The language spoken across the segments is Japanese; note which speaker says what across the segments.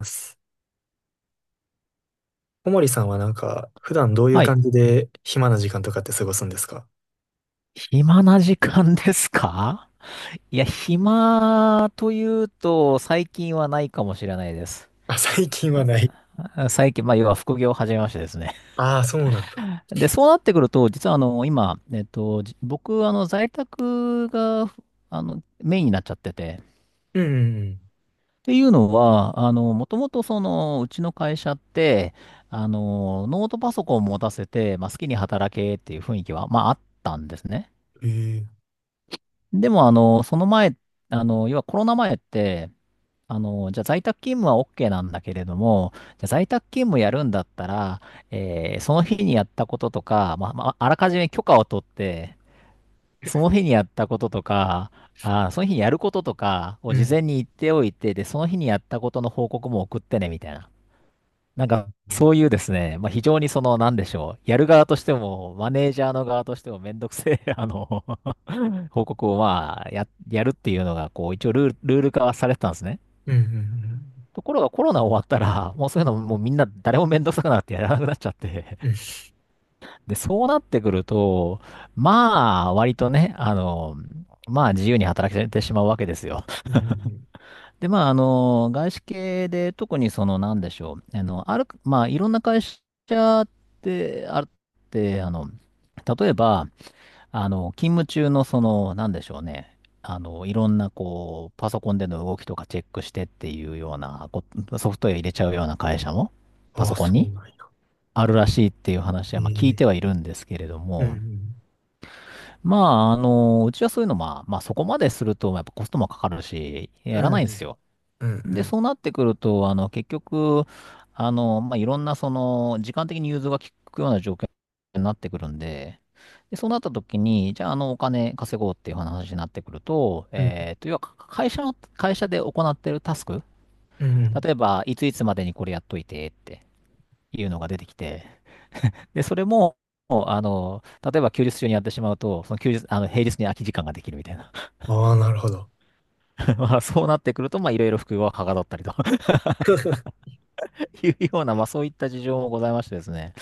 Speaker 1: ます。小森さんはなんか、普段どういう
Speaker 2: はい。
Speaker 1: 感じで暇な時間とかって過ごすんですか？
Speaker 2: 暇な時間ですか？いや、暇というと、最近はないかもしれないです。
Speaker 1: あ、最近はない。
Speaker 2: あ最近、まあ、要は副業を始めましてですね。
Speaker 1: ああ、そうなんだ。
Speaker 2: で、そうなってくると、実は今、僕、在宅が、メインになっちゃってて。っ
Speaker 1: うん
Speaker 2: ていうのは、もともとその、うちの会社って、ノートパソコンを持たせて、まあ、好きに働けっていう雰囲気は、まあ、あったんですね。
Speaker 1: うんうん。ええ。
Speaker 2: でも、その前、要はコロナ前って、じゃあ在宅勤務は OK なんだけれども、じゃあ在宅勤務やるんだったら、その日にやったこととか、まあ、まあ、あらかじめ許可を取って、その日にやったこととか、その日にやることとかを
Speaker 1: う
Speaker 2: 事
Speaker 1: ん。
Speaker 2: 前に言っておいて、で、その日にやったことの報告も送ってね、みたいな。なんか、
Speaker 1: うん
Speaker 2: そういうですね、まあ、非常にその、なんでしょう、やる側としても、マネージャーの側としてもめんどくせえ、報告をまあ、やるっていうのが、こう、一応ルール化はされてたんですね。
Speaker 1: うん
Speaker 2: ところがコロナ終わったら、もうそういうのもうみんな誰もめんどくさくなってやらなくなっちゃって。
Speaker 1: うん。うん
Speaker 2: で、そうなってくると、まあ、割とね、まあ自由に働けてしまうわけですよ。
Speaker 1: うんうん。
Speaker 2: で、まあ、外資系で特にその、なんでしょう。ある、まあ、いろんな会社ってあって、例えば、勤務中のその、なんでしょうね。いろんなこう、パソコンでの動きとかチェックしてっていうようなソフトウェア入れちゃうような会社も、パ
Speaker 1: あ
Speaker 2: ソ
Speaker 1: あ、
Speaker 2: コン
Speaker 1: そう
Speaker 2: に
Speaker 1: なんや。
Speaker 2: あるらしいっていう話
Speaker 1: え
Speaker 2: は、まあ聞いて
Speaker 1: え。
Speaker 2: はいるんですけれど
Speaker 1: う
Speaker 2: も、
Speaker 1: ん
Speaker 2: まあ、うちはそういうの、まあ、まあそこまですると、やっぱコストもかかるし、や
Speaker 1: う
Speaker 2: ら
Speaker 1: ん。う
Speaker 2: ないんです
Speaker 1: ん
Speaker 2: よ。
Speaker 1: うんう
Speaker 2: で、
Speaker 1: ん。
Speaker 2: そうなってくると、結局、まあ、いろんな、その、時間的に融通が利くような状況になってくるんで、で、そうなった時に、じゃあ、お金稼ごうっていう話になってくると、
Speaker 1: うん
Speaker 2: 要は、会社で行ってるタスク、
Speaker 1: うん。
Speaker 2: 例えば、いついつまでにこれやっといてっていうのが出てきて、で、それも、あの、例えば休日中にやってしまうと、その休日、平日に空き時間ができるみたいな。
Speaker 1: ああ、なるほど。
Speaker 2: まあ、そうなってくると、まあ、いろいろ副業がはかどったりと いうような、まあ、そういった事情もございましてですね。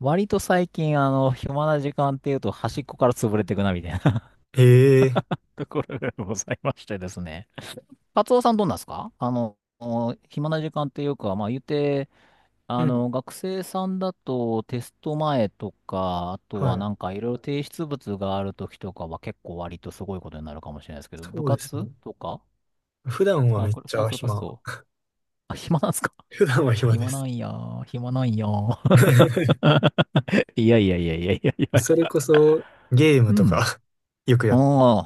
Speaker 2: 割と最近、暇な時間っていうと、端っこから潰れていくな、みたいな
Speaker 1: ええ。
Speaker 2: ところがございましてですね。カツオさんどうなんですか？暇な時間っていうか、まあ言って、
Speaker 1: うん。
Speaker 2: 学生さんだとテスト前とか、あと
Speaker 1: は
Speaker 2: は
Speaker 1: い。
Speaker 2: なんかいろいろ提出物がある時とかは結構割とすごいことになるかもしれないですけど、部
Speaker 1: そうです
Speaker 2: 活
Speaker 1: ね。
Speaker 2: とか
Speaker 1: 普段はめっち
Speaker 2: サー
Speaker 1: ゃ
Speaker 2: クル活
Speaker 1: 暇。
Speaker 2: 動。あ、暇なんですか？
Speaker 1: 普段は 暇で
Speaker 2: 暇な
Speaker 1: す。
Speaker 2: んやー、暇なんやー。いやいやいやいやいやい
Speaker 1: それ
Speaker 2: や。
Speaker 1: こそ、ゲーム
Speaker 2: う
Speaker 1: と
Speaker 2: ん。
Speaker 1: か よくやってる。
Speaker 2: あ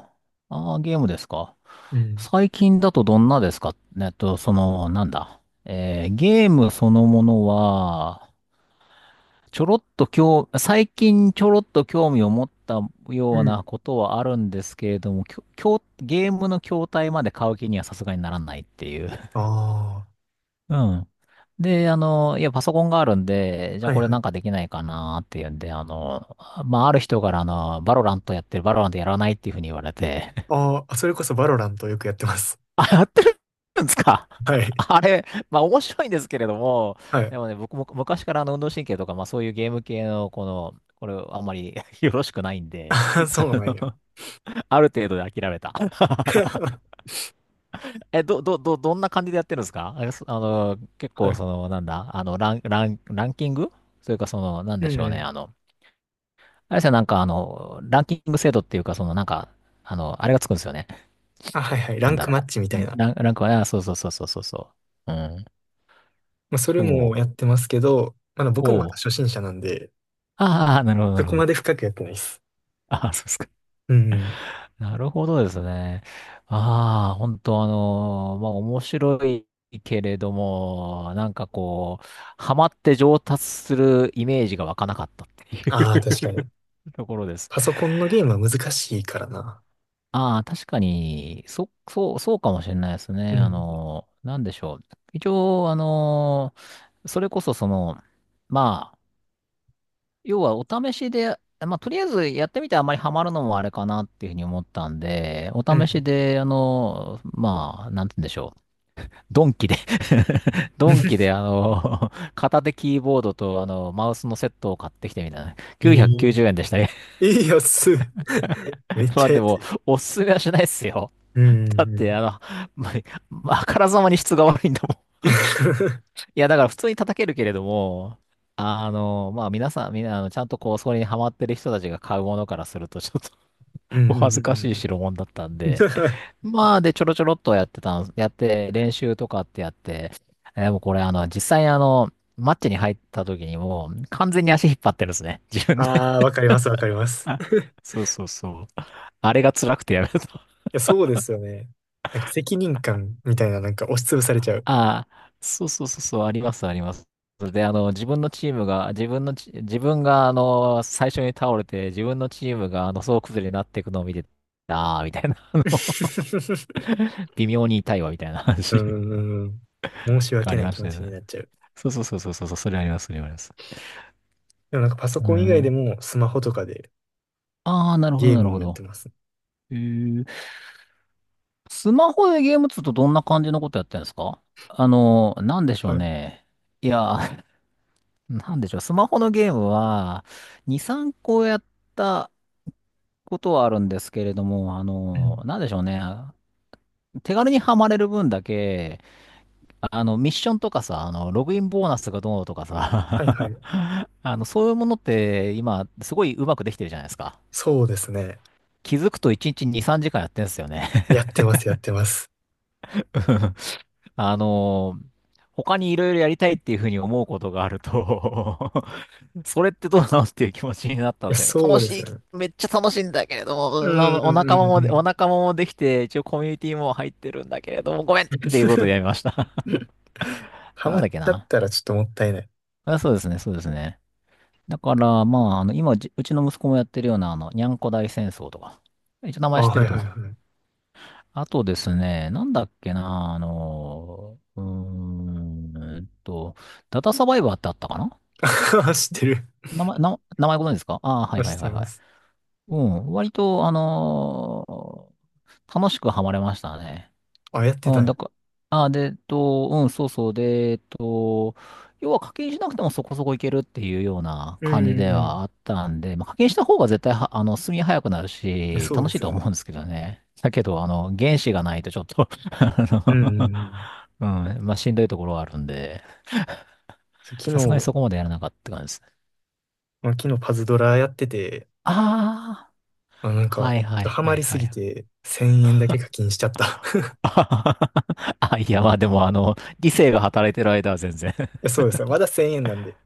Speaker 2: あ、ああ、ゲームですか。
Speaker 1: うん
Speaker 2: 最近だとどんなですか？その、なんだ。ゲームそのものは、ちょろっと興、最近ちょろっと興味を持った
Speaker 1: う
Speaker 2: ような
Speaker 1: ん。
Speaker 2: ことはあるんですけれども、きょうゲームの筐体まで買う気にはさすがにならないっていう。
Speaker 1: ああ、
Speaker 2: うん。で、いや、パソコンがあるんで、じゃあ
Speaker 1: はい
Speaker 2: これ
Speaker 1: は
Speaker 2: なん
Speaker 1: い。
Speaker 2: かできないかなっていうんで、まあ、ある人から、バロラントやらないっていうふうに言われて、
Speaker 1: ああ、それこそバロラントよくやってます。
Speaker 2: あ、やってるんですか？
Speaker 1: は い。
Speaker 2: あれ、まあ面白いんですけれども、
Speaker 1: はい。
Speaker 2: でもね、僕も昔からあの運動神経とか、まあそういうゲーム系の、これあんまり よろしくないんで、
Speaker 1: ああ、そうなんや。
Speaker 2: ある程度で諦めた。え、どんな感じでやってるんですか？えそ結
Speaker 1: は
Speaker 2: 構
Speaker 1: い。
Speaker 2: その、なんだ、ランキング。それかその、なん
Speaker 1: う
Speaker 2: で
Speaker 1: ん
Speaker 2: しょう
Speaker 1: う
Speaker 2: ね、
Speaker 1: ん。
Speaker 2: あれですよ、なんかランキング制度っていうか、その、なんか、あれがつくんですよね。
Speaker 1: あ、はいはい。ラ
Speaker 2: なん
Speaker 1: ン
Speaker 2: だ
Speaker 1: ク
Speaker 2: ろ
Speaker 1: マッチみ
Speaker 2: う。
Speaker 1: た
Speaker 2: う
Speaker 1: い
Speaker 2: ん、
Speaker 1: な。
Speaker 2: ランクはね、あそう。うん。
Speaker 1: まあ、それ
Speaker 2: そ
Speaker 1: も
Speaker 2: う。
Speaker 1: やってますけど、まだ僕もま
Speaker 2: お
Speaker 1: た初
Speaker 2: う。
Speaker 1: 心者なんで、
Speaker 2: ああ、なるほど、な
Speaker 1: そ
Speaker 2: る
Speaker 1: こ
Speaker 2: ほ
Speaker 1: ま
Speaker 2: ど。
Speaker 1: で深くやってないです。
Speaker 2: ああ、そうですか。
Speaker 1: うんうん。
Speaker 2: なるほどですね。ああ、本当あのーまあ、面白いけれども、なんかこう、ハマって上達するイメージが湧かなかったってい
Speaker 1: ああ、
Speaker 2: う
Speaker 1: 確かに。
Speaker 2: ところです。
Speaker 1: パソコンのゲームは難しいからな。
Speaker 2: ああ、確かに、そうかもしれないです
Speaker 1: う
Speaker 2: ね。あ
Speaker 1: ん。
Speaker 2: のーなんでしょう。一応、あのーそれこそその、まあ、要はお試しで、まあ、とりあえずやってみてあんまりハマるのもあれかなっていうふうに思ったんで、お
Speaker 1: う
Speaker 2: 試し
Speaker 1: ん。
Speaker 2: で、まあ、なんて言うんでしょう。ドンキで ドンキで、片手キーボードと、マウスのセットを買ってきてみたいな。
Speaker 1: え
Speaker 2: 990
Speaker 1: え
Speaker 2: 円でしたね。
Speaker 1: ええ安い。めっ
Speaker 2: ま
Speaker 1: ち
Speaker 2: あ
Speaker 1: ゃ
Speaker 2: で
Speaker 1: 安
Speaker 2: も、
Speaker 1: い。
Speaker 2: おすすめはしないっすよ。
Speaker 1: うんう
Speaker 2: だっ
Speaker 1: んう
Speaker 2: て、
Speaker 1: ん。
Speaker 2: まあ、あからさまに質が悪いんだもん。いや、だから普通に叩けるけれども、まあ皆さん、みんな、ちゃんとこう、それにハマってる人たちが買うものからすると、ちょっ
Speaker 1: うんう
Speaker 2: お恥
Speaker 1: ん
Speaker 2: ず
Speaker 1: う
Speaker 2: かしい
Speaker 1: んうん。
Speaker 2: 代物だったんで、まあ、で、ちょろちょろっとやって、練習とかってやって、えー、もうこれ、実際マッチに入った時にもう、完全に足引っ張ってるんですね。自分で。
Speaker 1: ああ、わかります、わかります。
Speaker 2: あ
Speaker 1: い
Speaker 2: そうそうそうあれが辛くてやめた。
Speaker 1: や、そうですよね。なんか責任感みたいな、なんか押しつぶされちゃう。
Speaker 2: ああ、そう、あります、あります。で、自分のチームが、自分が、最初に倒れて、自分のチームが、総崩れになっていくのを見て、ああ、みたいな、微妙に痛いわ、みたいな
Speaker 1: う
Speaker 2: 話
Speaker 1: んうんうん。申し
Speaker 2: があ
Speaker 1: 訳
Speaker 2: り
Speaker 1: ない
Speaker 2: ま
Speaker 1: 気
Speaker 2: し
Speaker 1: 持
Speaker 2: たよ
Speaker 1: ちに
Speaker 2: ね。
Speaker 1: なっちゃう。
Speaker 2: そう、それあります、それあります。
Speaker 1: でもなんかパソ
Speaker 2: う
Speaker 1: コン以外で
Speaker 2: ん。
Speaker 1: もスマホとかで
Speaker 2: ああ、なるほど、
Speaker 1: ゲー
Speaker 2: な
Speaker 1: ム
Speaker 2: る
Speaker 1: も
Speaker 2: ほ
Speaker 1: やって
Speaker 2: ど。
Speaker 1: ます。
Speaker 2: えー、スマホでゲームっつうとどんな感じのことやってるんですか？なんでしょ
Speaker 1: は
Speaker 2: う
Speaker 1: い。
Speaker 2: ね。いや、なんでしょう。スマホのゲームは、2、3個やったことはあるんですけれども、
Speaker 1: うん
Speaker 2: なんでしょうね。手軽にはまれる分だけ、ミッションとかさ、ログインボーナスがどうとか
Speaker 1: はいは
Speaker 2: さ、
Speaker 1: い。
Speaker 2: あの、そういうものって今、すごいうまくできてるじゃないですか。
Speaker 1: そうですね。
Speaker 2: 気づくと1日2、3時間やってんすよね。
Speaker 1: やってます、やってます。
Speaker 2: あのー他にいろいろやりたいっていうふうに思うことがあると それってどうなのっていう気持ちになった
Speaker 1: いや、
Speaker 2: んだよ。
Speaker 1: そう
Speaker 2: 楽
Speaker 1: です
Speaker 2: しい、
Speaker 1: ね。
Speaker 2: めっちゃ楽しいんだけれど
Speaker 1: う
Speaker 2: も、な
Speaker 1: んう
Speaker 2: お仲
Speaker 1: ん
Speaker 2: 間も、
Speaker 1: う
Speaker 2: お
Speaker 1: ん
Speaker 2: 仲間もできて、一応コミュニティも入ってるんだけれども、ごめんっ
Speaker 1: うん。
Speaker 2: ていうことでや めました。
Speaker 1: ハ
Speaker 2: な
Speaker 1: マ
Speaker 2: んだっ
Speaker 1: っ
Speaker 2: け
Speaker 1: ちゃっ
Speaker 2: な。
Speaker 1: たらちょっともったいない。
Speaker 2: あ、そうですね、そうですね。だから、まあ、今、うちの息子もやってるような、にゃんこ大戦争とか、一応名
Speaker 1: あ、
Speaker 2: 前知って
Speaker 1: は
Speaker 2: る
Speaker 1: い
Speaker 2: と
Speaker 1: はい
Speaker 2: 思う。
Speaker 1: はい。
Speaker 2: あとですね、なんだっけな、ダタサバイバーってあったかな。
Speaker 1: あ知ってる。
Speaker 2: 名前ご存知ですか？ああー、はい
Speaker 1: 知
Speaker 2: は
Speaker 1: っ
Speaker 2: い
Speaker 1: て
Speaker 2: はい
Speaker 1: ま
Speaker 2: はい。
Speaker 1: す。
Speaker 2: うん、割と、楽しくハマれましたね。
Speaker 1: あ、やって
Speaker 2: うん、
Speaker 1: たん
Speaker 2: だ
Speaker 1: や。
Speaker 2: から、あ、で、うん、そうそう、で、要は課金しなくてもそこそこいけるっていうような
Speaker 1: うん
Speaker 2: 感じ
Speaker 1: う
Speaker 2: で
Speaker 1: んう
Speaker 2: は
Speaker 1: ん。
Speaker 2: あったんで、まあ、課金した方が絶対は、進み早くなる
Speaker 1: え
Speaker 2: し、
Speaker 1: そう
Speaker 2: 楽
Speaker 1: で
Speaker 2: しい
Speaker 1: す
Speaker 2: と
Speaker 1: よ
Speaker 2: は思
Speaker 1: ね。
Speaker 2: うんですけどね。だけど、原資がないとちょっと
Speaker 1: うんうん
Speaker 2: あ
Speaker 1: うん。
Speaker 2: うん、まあ、しんどいところはあるんで、
Speaker 1: そう昨
Speaker 2: さすがにそ
Speaker 1: 日、
Speaker 2: こまでやらなかったって感じですね。
Speaker 1: まあ、昨日パズドラやってて、
Speaker 2: あ
Speaker 1: まあ、なん
Speaker 2: あ、は
Speaker 1: か、
Speaker 2: い
Speaker 1: ちょ
Speaker 2: は
Speaker 1: っと
Speaker 2: い
Speaker 1: ハ
Speaker 2: は
Speaker 1: マ
Speaker 2: い
Speaker 1: りす
Speaker 2: は
Speaker 1: ぎ
Speaker 2: い。
Speaker 1: て、1000円だけ課金しちゃった。
Speaker 2: あ、いや、まあでも、理性が働いてる間は全然。
Speaker 1: えそうですよ。まだ1000円なんで。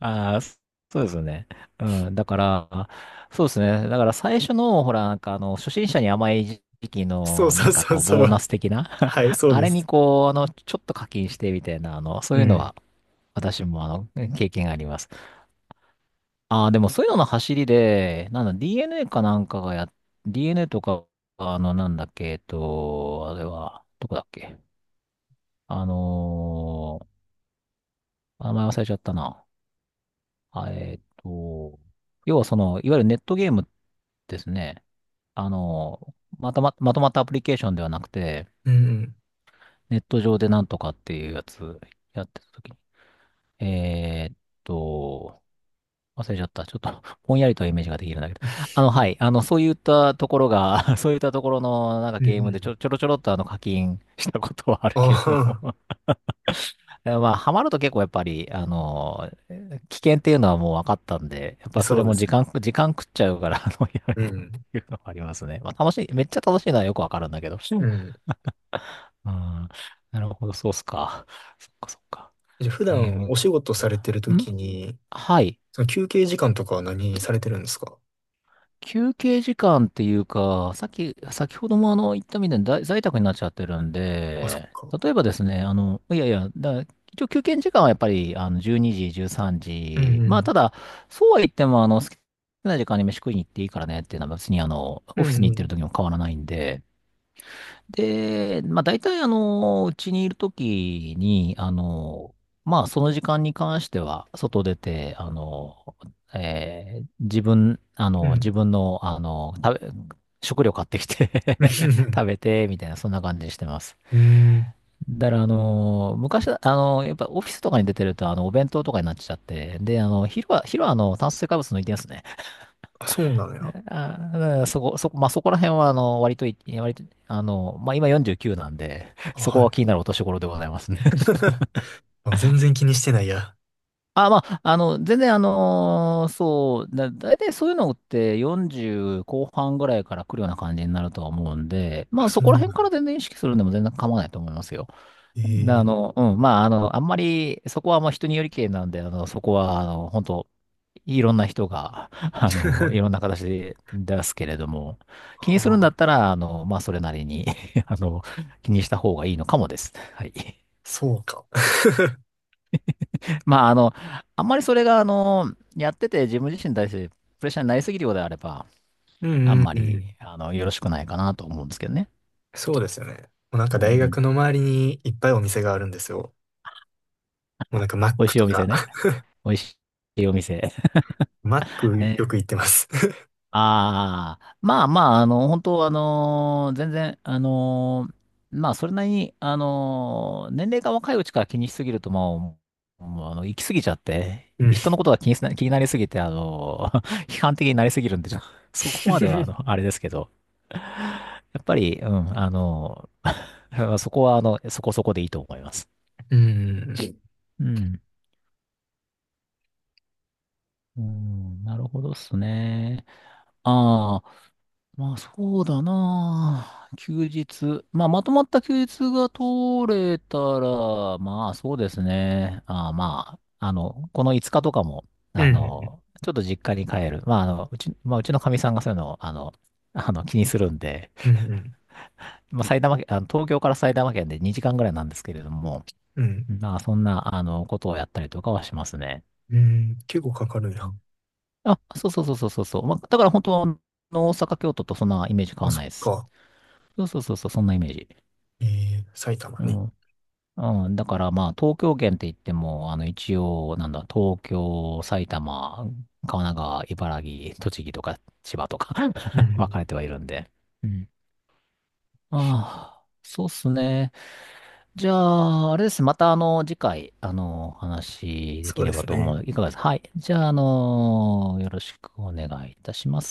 Speaker 2: ああ、そうですね。うん。だから、そうですね。だから最初の、ほら、なんか初心者に甘い時期
Speaker 1: そう
Speaker 2: の、な
Speaker 1: そう
Speaker 2: んか
Speaker 1: そ
Speaker 2: こ
Speaker 1: う
Speaker 2: う、
Speaker 1: そ
Speaker 2: ボーナ
Speaker 1: う。
Speaker 2: ス的な
Speaker 1: はい、そう
Speaker 2: あ
Speaker 1: で
Speaker 2: れに
Speaker 1: す。
Speaker 2: こう、ちょっと課金してみたいな、そ
Speaker 1: う
Speaker 2: ういうの
Speaker 1: ん。
Speaker 2: は、私も経験があります。ああ、でもそういうのの走りで、なんだ、DNA かなんかがや、DNA とか、なんだっけ、あれは、どこだっけ。あのー名前忘れちゃったな。あ要はその、いわゆるネットゲームですね、あの、またま、まとまったアプリケーションではなくて、
Speaker 1: うんうん。
Speaker 2: ネット上でなんとかっていうやつやってた時に、えーっと、忘れちゃった。ちょっと ぼんやりとイメージができるんだけど。はい。そういったところが そういったところの、なんか
Speaker 1: うんう
Speaker 2: ゲームで
Speaker 1: ん。
Speaker 2: ちょろちょろっと課金したことはある
Speaker 1: あ
Speaker 2: けれど
Speaker 1: あ、
Speaker 2: も え、まあ、ハマると結構やっぱり、危険っていうのはもう分かったんで、やっ
Speaker 1: え
Speaker 2: ぱそ
Speaker 1: そ
Speaker 2: れ
Speaker 1: うで
Speaker 2: も
Speaker 1: すよね。
Speaker 2: 時間食っちゃうから、やめ
Speaker 1: う
Speaker 2: たっ
Speaker 1: ん。
Speaker 2: ていうのはありますね。まあ楽しい、めっちゃ楽しいのはよくわかるんだけど。
Speaker 1: うん。
Speaker 2: うん。なるほど、そうっすか。そっかそっか。
Speaker 1: じゃあ普
Speaker 2: ゲー
Speaker 1: 段お
Speaker 2: ム。
Speaker 1: 仕事されてると
Speaker 2: ん
Speaker 1: きに、
Speaker 2: はい。
Speaker 1: その休憩時間とかは何されてるんですか？
Speaker 2: 休憩時間っていうか、さっき、先ほども言ったみたいに在宅になっちゃってるん
Speaker 1: あ、そっ
Speaker 2: で、
Speaker 1: か。
Speaker 2: 例えばですね、いやいや、一応休憩時間はやっぱり、12時、13
Speaker 1: うんう
Speaker 2: 時。まあ、
Speaker 1: ん。
Speaker 2: ただ、そうは言っても、好きな時間に飯食いに行っていいからねっていうのは別に、
Speaker 1: う
Speaker 2: オフィス
Speaker 1: ん
Speaker 2: に行って
Speaker 1: う
Speaker 2: る
Speaker 1: ん。
Speaker 2: 時も変わらないんで、で、まあ大体うちにいるときに、まあその時間に関しては、外出て、自分、
Speaker 1: うん。
Speaker 2: 自分の、食料買ってきて 食 べて、みたいな、そんな感じにしてます。
Speaker 1: うん。
Speaker 2: だから、昔は、やっぱオフィスとかに出てると、お弁当とかになっちゃって、で、昼は、炭水化物抜いてですね。
Speaker 1: あ、そうなの
Speaker 2: ね
Speaker 1: や。
Speaker 2: そこ、そこ、まあ、そこら辺は、割と、まあ、今49なんで、
Speaker 1: あ、
Speaker 2: そ
Speaker 1: は
Speaker 2: こ
Speaker 1: い。
Speaker 2: は気になるお年頃でございますね。
Speaker 1: あ全然気にしてないや。
Speaker 2: あ、まあ、全然、そう、大体そういうのって40後半ぐらいから来るような感じになるとは思うんで、ま
Speaker 1: あ、
Speaker 2: あ、そ
Speaker 1: そう
Speaker 2: こ
Speaker 1: な
Speaker 2: ら
Speaker 1: んだ。
Speaker 2: 辺から全然意識するんでも全然構わないと思いますよ。
Speaker 1: え
Speaker 2: で、
Speaker 1: え
Speaker 2: うん、まあ、あんまり、そこはもう人によりけりなんで、そこは、本当いろんな人が、いろん な形で出すけれども、気にするんだ
Speaker 1: は
Speaker 2: った
Speaker 1: あ、
Speaker 2: ら、まあ、それなりに あの、気にした方がいいのかもです。はい。
Speaker 1: そうか。
Speaker 2: まあ、あんまりそれが、やってて自分自身に対してプレッシャーになりすぎるようであれば、
Speaker 1: うん
Speaker 2: あん
Speaker 1: うん
Speaker 2: ま
Speaker 1: う
Speaker 2: り、
Speaker 1: ん。
Speaker 2: よろしくないかなと思うんですけどね。
Speaker 1: そうですよね。もうなん
Speaker 2: う
Speaker 1: か大
Speaker 2: ん。
Speaker 1: 学の周りにいっぱいお店があるんですよ。もうなんかマッ
Speaker 2: 美味
Speaker 1: ク
Speaker 2: しい
Speaker 1: と
Speaker 2: お店
Speaker 1: か。
Speaker 2: ね。美味しいお店。
Speaker 1: マッ クよ
Speaker 2: ね。
Speaker 1: く行ってます。
Speaker 2: ああ、まあまあ、本当全然、まあ、それなりに、年齢が若いうちから気にしすぎると、まあ、もう行き過ぎちゃって、
Speaker 1: うん。
Speaker 2: 人のことが気になりすぎて、批判的になりすぎるんで、ちょ そこまでは、あれですけど、やっぱり、うん、そこは、そこそこでいいと思います。
Speaker 1: うん。
Speaker 2: うん。うん、なるほどっすね。ああ。まあそうだなあ。休日。まあまとまった休日が取れたら、まあそうですね。ああ、まあ、この5日とかも、
Speaker 1: うん。
Speaker 2: ちょっと実家に帰る。まあまあうちのかみさんがそういうのを、気にするんで、
Speaker 1: うん。
Speaker 2: まあ埼玉県、東京から埼玉県で2時間ぐらいなんですけれども、
Speaker 1: うん。
Speaker 2: まあそんな、ことをやったりとかはしますね。
Speaker 1: うん。結構かかるん
Speaker 2: う
Speaker 1: や。
Speaker 2: ん、あ、そうそうそうそうそうそう。まあだから本当は、大阪、京都とそんなイメージ変
Speaker 1: あ、
Speaker 2: わん
Speaker 1: そ
Speaker 2: な
Speaker 1: っ
Speaker 2: いです。
Speaker 1: か。
Speaker 2: そうそうそうそう、そんなイメージ。
Speaker 1: ええ埼玉
Speaker 2: う
Speaker 1: ね。
Speaker 2: ん。うん。だからまあ、東京圏って言っても、一応、なんだ、東京、埼玉、神奈川、茨城、栃木とか、千葉とか
Speaker 1: う
Speaker 2: 分かれ
Speaker 1: ん。
Speaker 2: てはいるんで。うん。ああ、そうっすね。じゃあ、あれですね。また、次回、お話しで
Speaker 1: そ
Speaker 2: き
Speaker 1: う
Speaker 2: れ
Speaker 1: で
Speaker 2: ば
Speaker 1: す
Speaker 2: と思
Speaker 1: ね。
Speaker 2: う。いかがですか？はい。じゃあ、よろしくお願いいたします。